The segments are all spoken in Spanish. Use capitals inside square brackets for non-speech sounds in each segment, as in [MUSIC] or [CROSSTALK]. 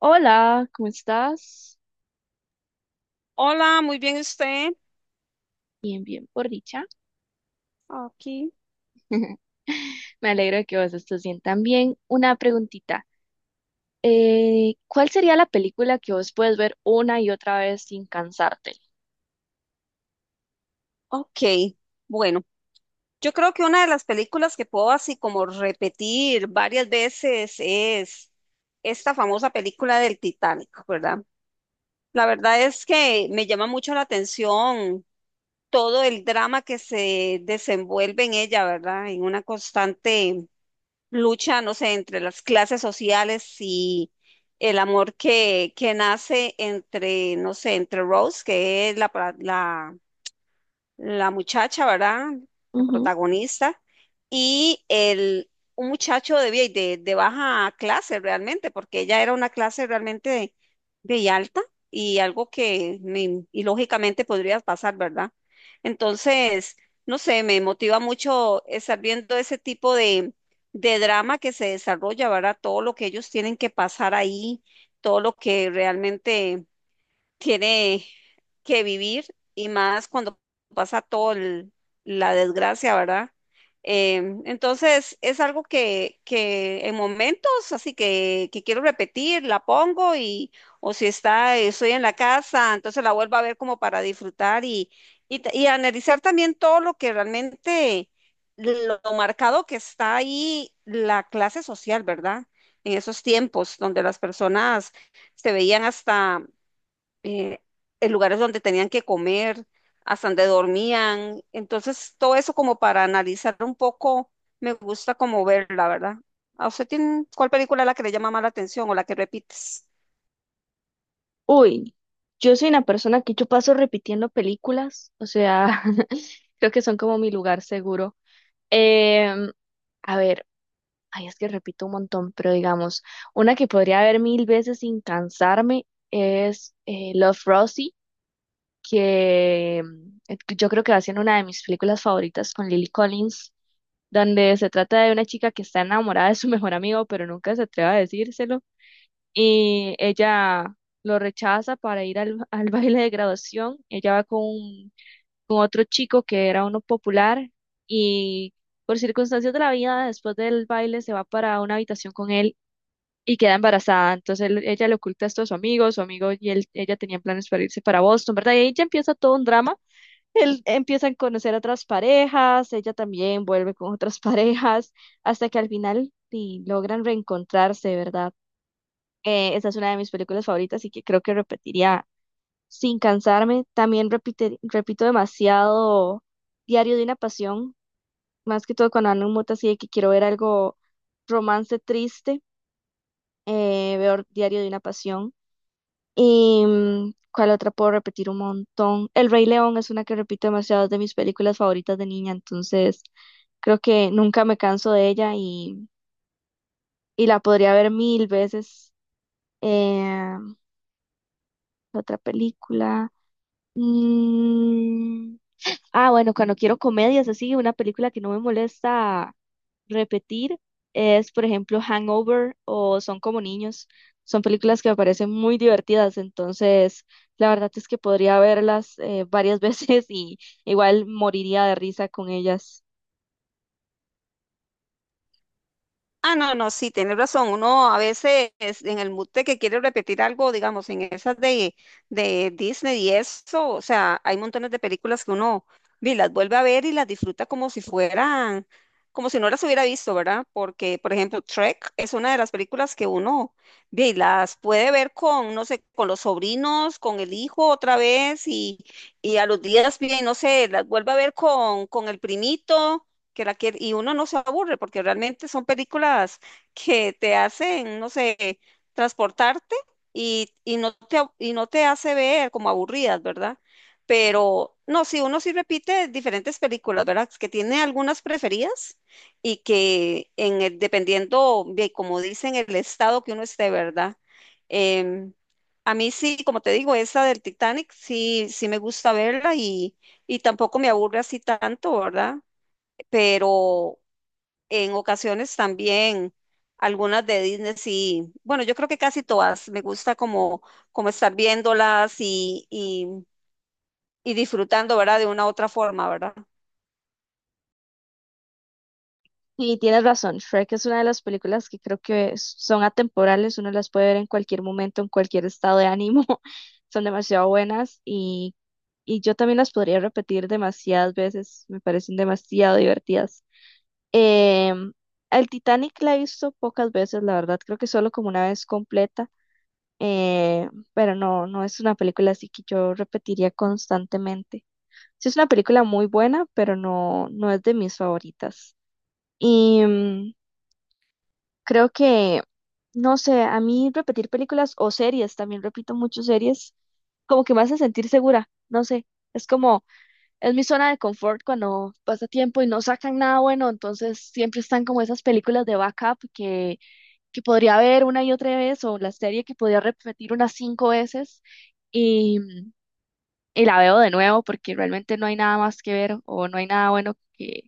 Hola, ¿cómo estás? Hola, muy bien usted. Bien, bien, por dicha. Aquí. [LAUGHS] Me alegro de que vos estés bien también. Una preguntita. ¿Cuál sería la película que vos puedes ver una y otra vez sin cansarte? Ok, bueno, yo creo que una de las películas que puedo así como repetir varias veces es esta famosa película del Titanic, ¿verdad? La verdad es que me llama mucho la atención todo el drama que se desenvuelve en ella, ¿verdad? En una constante lucha, no sé, entre las clases sociales y el amor que nace entre, no sé, entre Rose, que es la, la muchacha, ¿verdad? La Ujú. protagonista, y el, un muchacho de, de baja clase realmente, porque ella era una clase realmente de alta y algo que lógicamente podría pasar, ¿verdad? Entonces, no sé, me motiva mucho estar viendo ese tipo de drama que se desarrolla, ¿verdad? Todo lo que ellos tienen que pasar ahí, todo lo que realmente tiene que vivir y más cuando pasa la desgracia, ¿verdad? Eh, entonces es algo que en momentos así que quiero repetir, la pongo y o si está, estoy en la casa, entonces la vuelvo a ver como para disfrutar y, y analizar también todo lo que realmente, lo, lo marcado que está ahí la clase social, ¿verdad? En esos tiempos donde las personas se veían hasta eh, en lugares donde tenían que comer, hasta donde dormían. Entonces, todo eso como para analizar un poco, me gusta como verla, ¿verdad? ¿A usted tiene, cuál película es la que le llama más la atención o la que repites? Uy, yo soy una persona que yo paso repitiendo películas, o sea, [LAUGHS] Creo que son como mi lugar seguro. Em, a ver, ay, es que repito un montón, pero digamos, una que podría ver mil veces sin cansarme es Love, Rosie. Que yo creo que va siendo una de mis películas favoritas con Lily Collins, donde se trata de una chica que está enamorada de su [LAUGHS] mejor amigo, pero nunca se atreve a decírselo, y ella lo rechaza para ir al, [LAUGHS] al baile de graduación. Ella va con otro chico que era uno popular, y por circunstancias de la vida, después del baile se va para una habitación con él. Y queda embarazada. Entonces ella le oculta esto a su amigo. Su amigo y ella tenían planes para irse para Boston, ¿verdad? Y ahí ya empieza todo un drama. Él empieza a conocer a otras parejas, ella también vuelve con otras [LAUGHS] parejas, hasta que al final sí, logran reencontrarse, ¿verdad? Esa es una de mis películas favoritas y que creo que repetiría sin cansarme. También repito demasiado Diario de una Pasión, más que todo cuando ando en mood así de que quiero ver algo romance triste. Veo Diario de una Pasión. Y ¿cuál otra puedo repetir un montón? El Rey León es una que repito demasiado, es de mis películas favoritas de niña, entonces creo que nunca me canso de ella, y la podría ver mil veces. Eh, Otra película. Mm, ah, bueno, cuando quiero comedias así, una película que no me molesta repetir es, por ejemplo, Hangover o Son como niños. Son películas que me parecen muy divertidas, entonces la verdad es que podría verlas varias [LAUGHS] veces, y igual moriría de risa con ellas. Ah, no, no, sí, tienes razón. Uno a veces en el mood de que quiere repetir algo, digamos, en esas de Disney y eso, o sea, hay montones de películas que uno vi, las vuelve a ver y las disfruta como si fueran, como si no las hubiera visto, ¿verdad? Porque, por ejemplo, Trek es una de las películas que uno vi, las puede ver con, no sé, con los sobrinos, con el hijo otra vez y a los días, bien, no sé, las vuelve a ver con el primito que la quiere, y uno no se aburre porque realmente son películas que te hacen, no sé, transportarte y no te, y no te hace ver como aburridas, ¿verdad? Pero no, si uno sí repite diferentes películas, ¿verdad? Que tiene algunas preferidas y que en dependiendo de, como dicen, el estado que uno esté, ¿verdad? Em, a mí sí, como te digo, esa del Titanic sí, sí me gusta verla y tampoco me aburre así tanto, ¿verdad? Pero en ocasiones también algunas de Disney sí, bueno, yo creo que casi todas, me gusta como, como estar viéndolas y disfrutando, ¿verdad? De una u otra forma, ¿verdad? Y tienes razón, Shrek es una de las películas que creo que son atemporales, uno las puede ver en cualquier momento, en cualquier estado de ánimo, [LAUGHS] son demasiado buenas, y yo también las podría repetir demasiadas veces, me parecen demasiado divertidas. Em, el Titanic la he visto pocas veces, la verdad, creo que solo como una vez completa. Pero no, no es una película así que yo repetiría constantemente. Sí es una película muy buena, pero no, no es de mis favoritas. Y creo que, no sé, a mí repetir películas o series, también repito muchas series, como que me hace sentir segura, no sé, es como, es mi zona de confort. Cuando pasa tiempo y no sacan nada bueno, entonces siempre están como esas películas de backup, que podría ver una y otra vez, o la serie que podría repetir unas cinco veces, y, y la veo de nuevo porque realmente no hay nada más que ver, o no hay nada bueno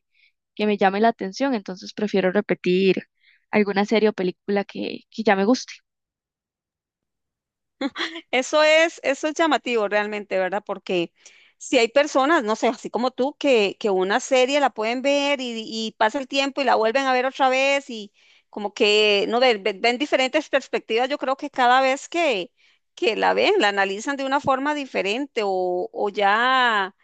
que me llame la atención. Entonces prefiero repetir alguna serie o película que ya me gusta. Eso es llamativo realmente, ¿verdad? Porque si hay personas, no sé, así como tú, que una serie la pueden ver y pasa el tiempo y la vuelven a ver otra vez y como que, no, ven diferentes perspectivas, yo creo que cada vez que la ven, la analizan de una forma diferente o ya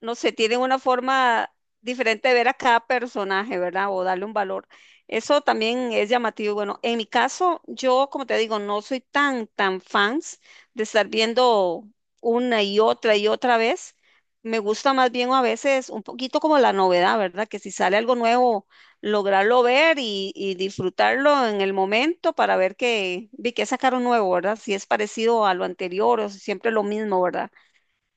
no sé, tienen una forma diferente de ver a cada personaje, ¿verdad? O darle un valor. Eso también es llamativo. Bueno, en mi caso, yo, como te digo, no soy tan, tan fans de estar viendo una y otra vez. Me gusta más bien a veces un poquito como la novedad, ¿verdad? Que si sale algo nuevo, lograrlo ver y disfrutarlo en el momento para ver que, vi que sacaron nuevo, ¿verdad? Si es parecido a lo anterior o si siempre lo mismo, ¿verdad?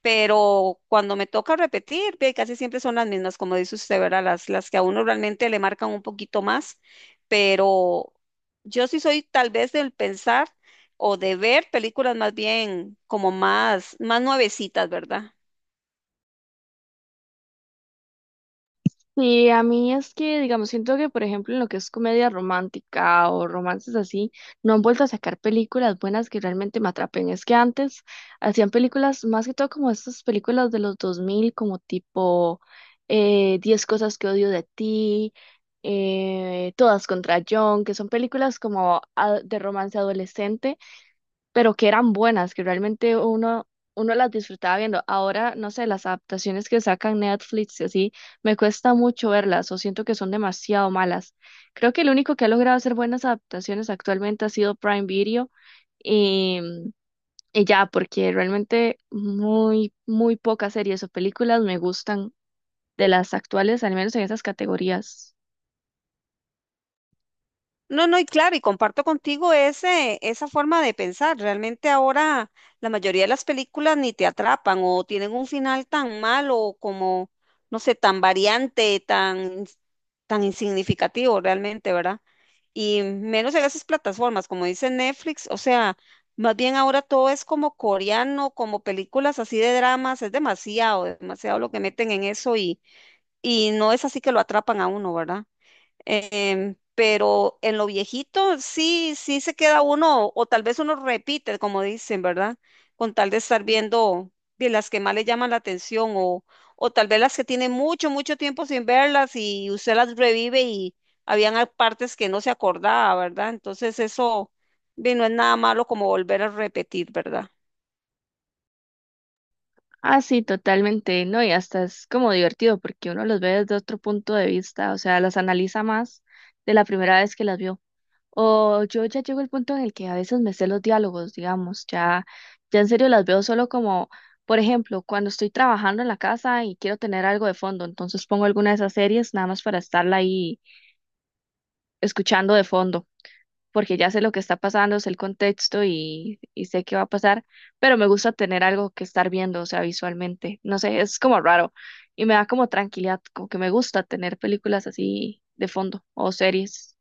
Pero cuando me toca repetir, ve, casi siempre son las mismas, como dice usted, ¿verdad? Las que a uno realmente le marcan un poquito más, pero yo sí soy tal vez del pensar o de ver películas más bien como más, más nuevecitas, ¿verdad? Sí, a mí es que, digamos, siento que, por ejemplo, en lo que es comedia romántica o romances así, no han vuelto a sacar películas buenas que realmente me atrapen. Es que antes hacían películas, más que todo como estas películas de los dos mil, como tipo 10 cosas que odio de ti, Todas contra John, que son películas como de romance adolescente, pero que eran buenas, que realmente uno las disfrutaba viendo. Ahora, no sé, las adaptaciones que sacan Netflix y así, me cuesta mucho verlas o siento que son demasiado malas. Creo que el único que ha logrado hacer buenas adaptaciones actualmente ha sido Prime Video, y, y ya, porque realmente muy, muy pocas series o películas me gustan de las actuales, al menos en esas categorías. No, no, y claro, y comparto contigo ese, esa forma de pensar. Realmente ahora la mayoría de las películas ni te atrapan o tienen un final tan malo o como, no sé, tan variante, tan, tan insignificativo realmente, ¿verdad? Y menos en esas plataformas, como dice Netflix, o sea, más bien ahora todo es como coreano, como películas así de dramas, es demasiado, demasiado lo que meten en eso y no es así que lo atrapan a uno, ¿verdad? Pero en lo viejito sí, sí se queda uno, o tal vez uno repite, como dicen, ¿verdad? Con tal de estar viendo de las que más le llaman la atención, o tal vez las que tiene mucho, mucho tiempo sin verlas y usted las revive y habían partes que no se acordaba, ¿verdad? Entonces eso, ve, no es nada malo como volver a repetir, ¿verdad? Ah, sí, totalmente, ¿no? Y hasta es como divertido porque uno los ve desde otro punto de vista, o sea, las analiza más de la primera vez que las vio. O yo ya llego al punto en el que a veces me sé los diálogos, digamos, ya, ya en serio las veo solo como, por ejemplo, cuando estoy trabajando en la casa y quiero tener algo de fondo, entonces pongo alguna de esas series nada más para estarla ahí escuchando de fondo, porque ya sé lo que está pasando, sé el contexto y sé qué va a pasar, pero me gusta tener algo que estar viendo, o sea, visualmente. No sé, es como raro, y me da como tranquilidad, como que me gusta tener películas así de fondo o series.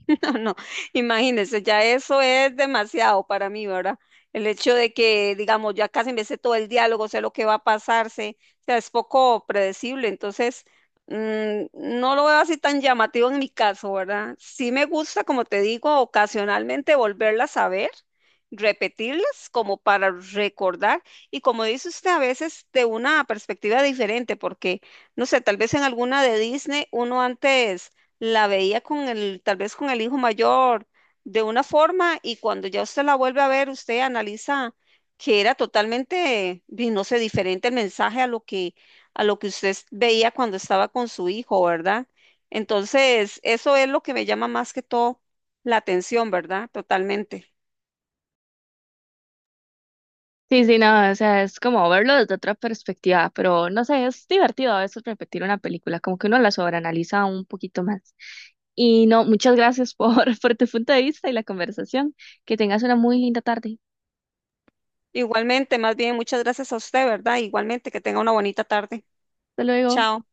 [LAUGHS] No, no, imagínese, ya eso es demasiado para mí, ¿verdad? El hecho de que, digamos, ya casi me sé todo el diálogo, sé lo que va a pasarse, o sea, es poco predecible, entonces no lo veo así tan llamativo en mi caso, ¿verdad? Sí me gusta, como te digo, ocasionalmente volverlas a ver, repetirlas como para recordar y como dice usted, a veces de una perspectiva diferente, porque, no sé, tal vez en alguna de Disney uno antes la veía con el, tal vez con el hijo mayor de una forma y cuando ya usted la vuelve a ver, usted analiza que era totalmente, di, no sé, diferente el mensaje a lo que veía cuando estaba con su hijo, ¿verdad? Entonces, eso es lo que me llama más que todo la atención, ¿verdad? Totalmente. Sí, sí, no, o sea, es como verlo desde otra perspectiva, pero no sé, es divertido a veces repetir una película, como que uno la sobreanaliza un poquito más. Y no, muchas gracias por, [LAUGHS] por tu punto de vista y la conversación. Que tengas una muy linda tarde. Igualmente, más bien, muchas gracias a usted, ¿verdad? Igualmente, que tenga una bonita tarde. Hasta luego. Chao.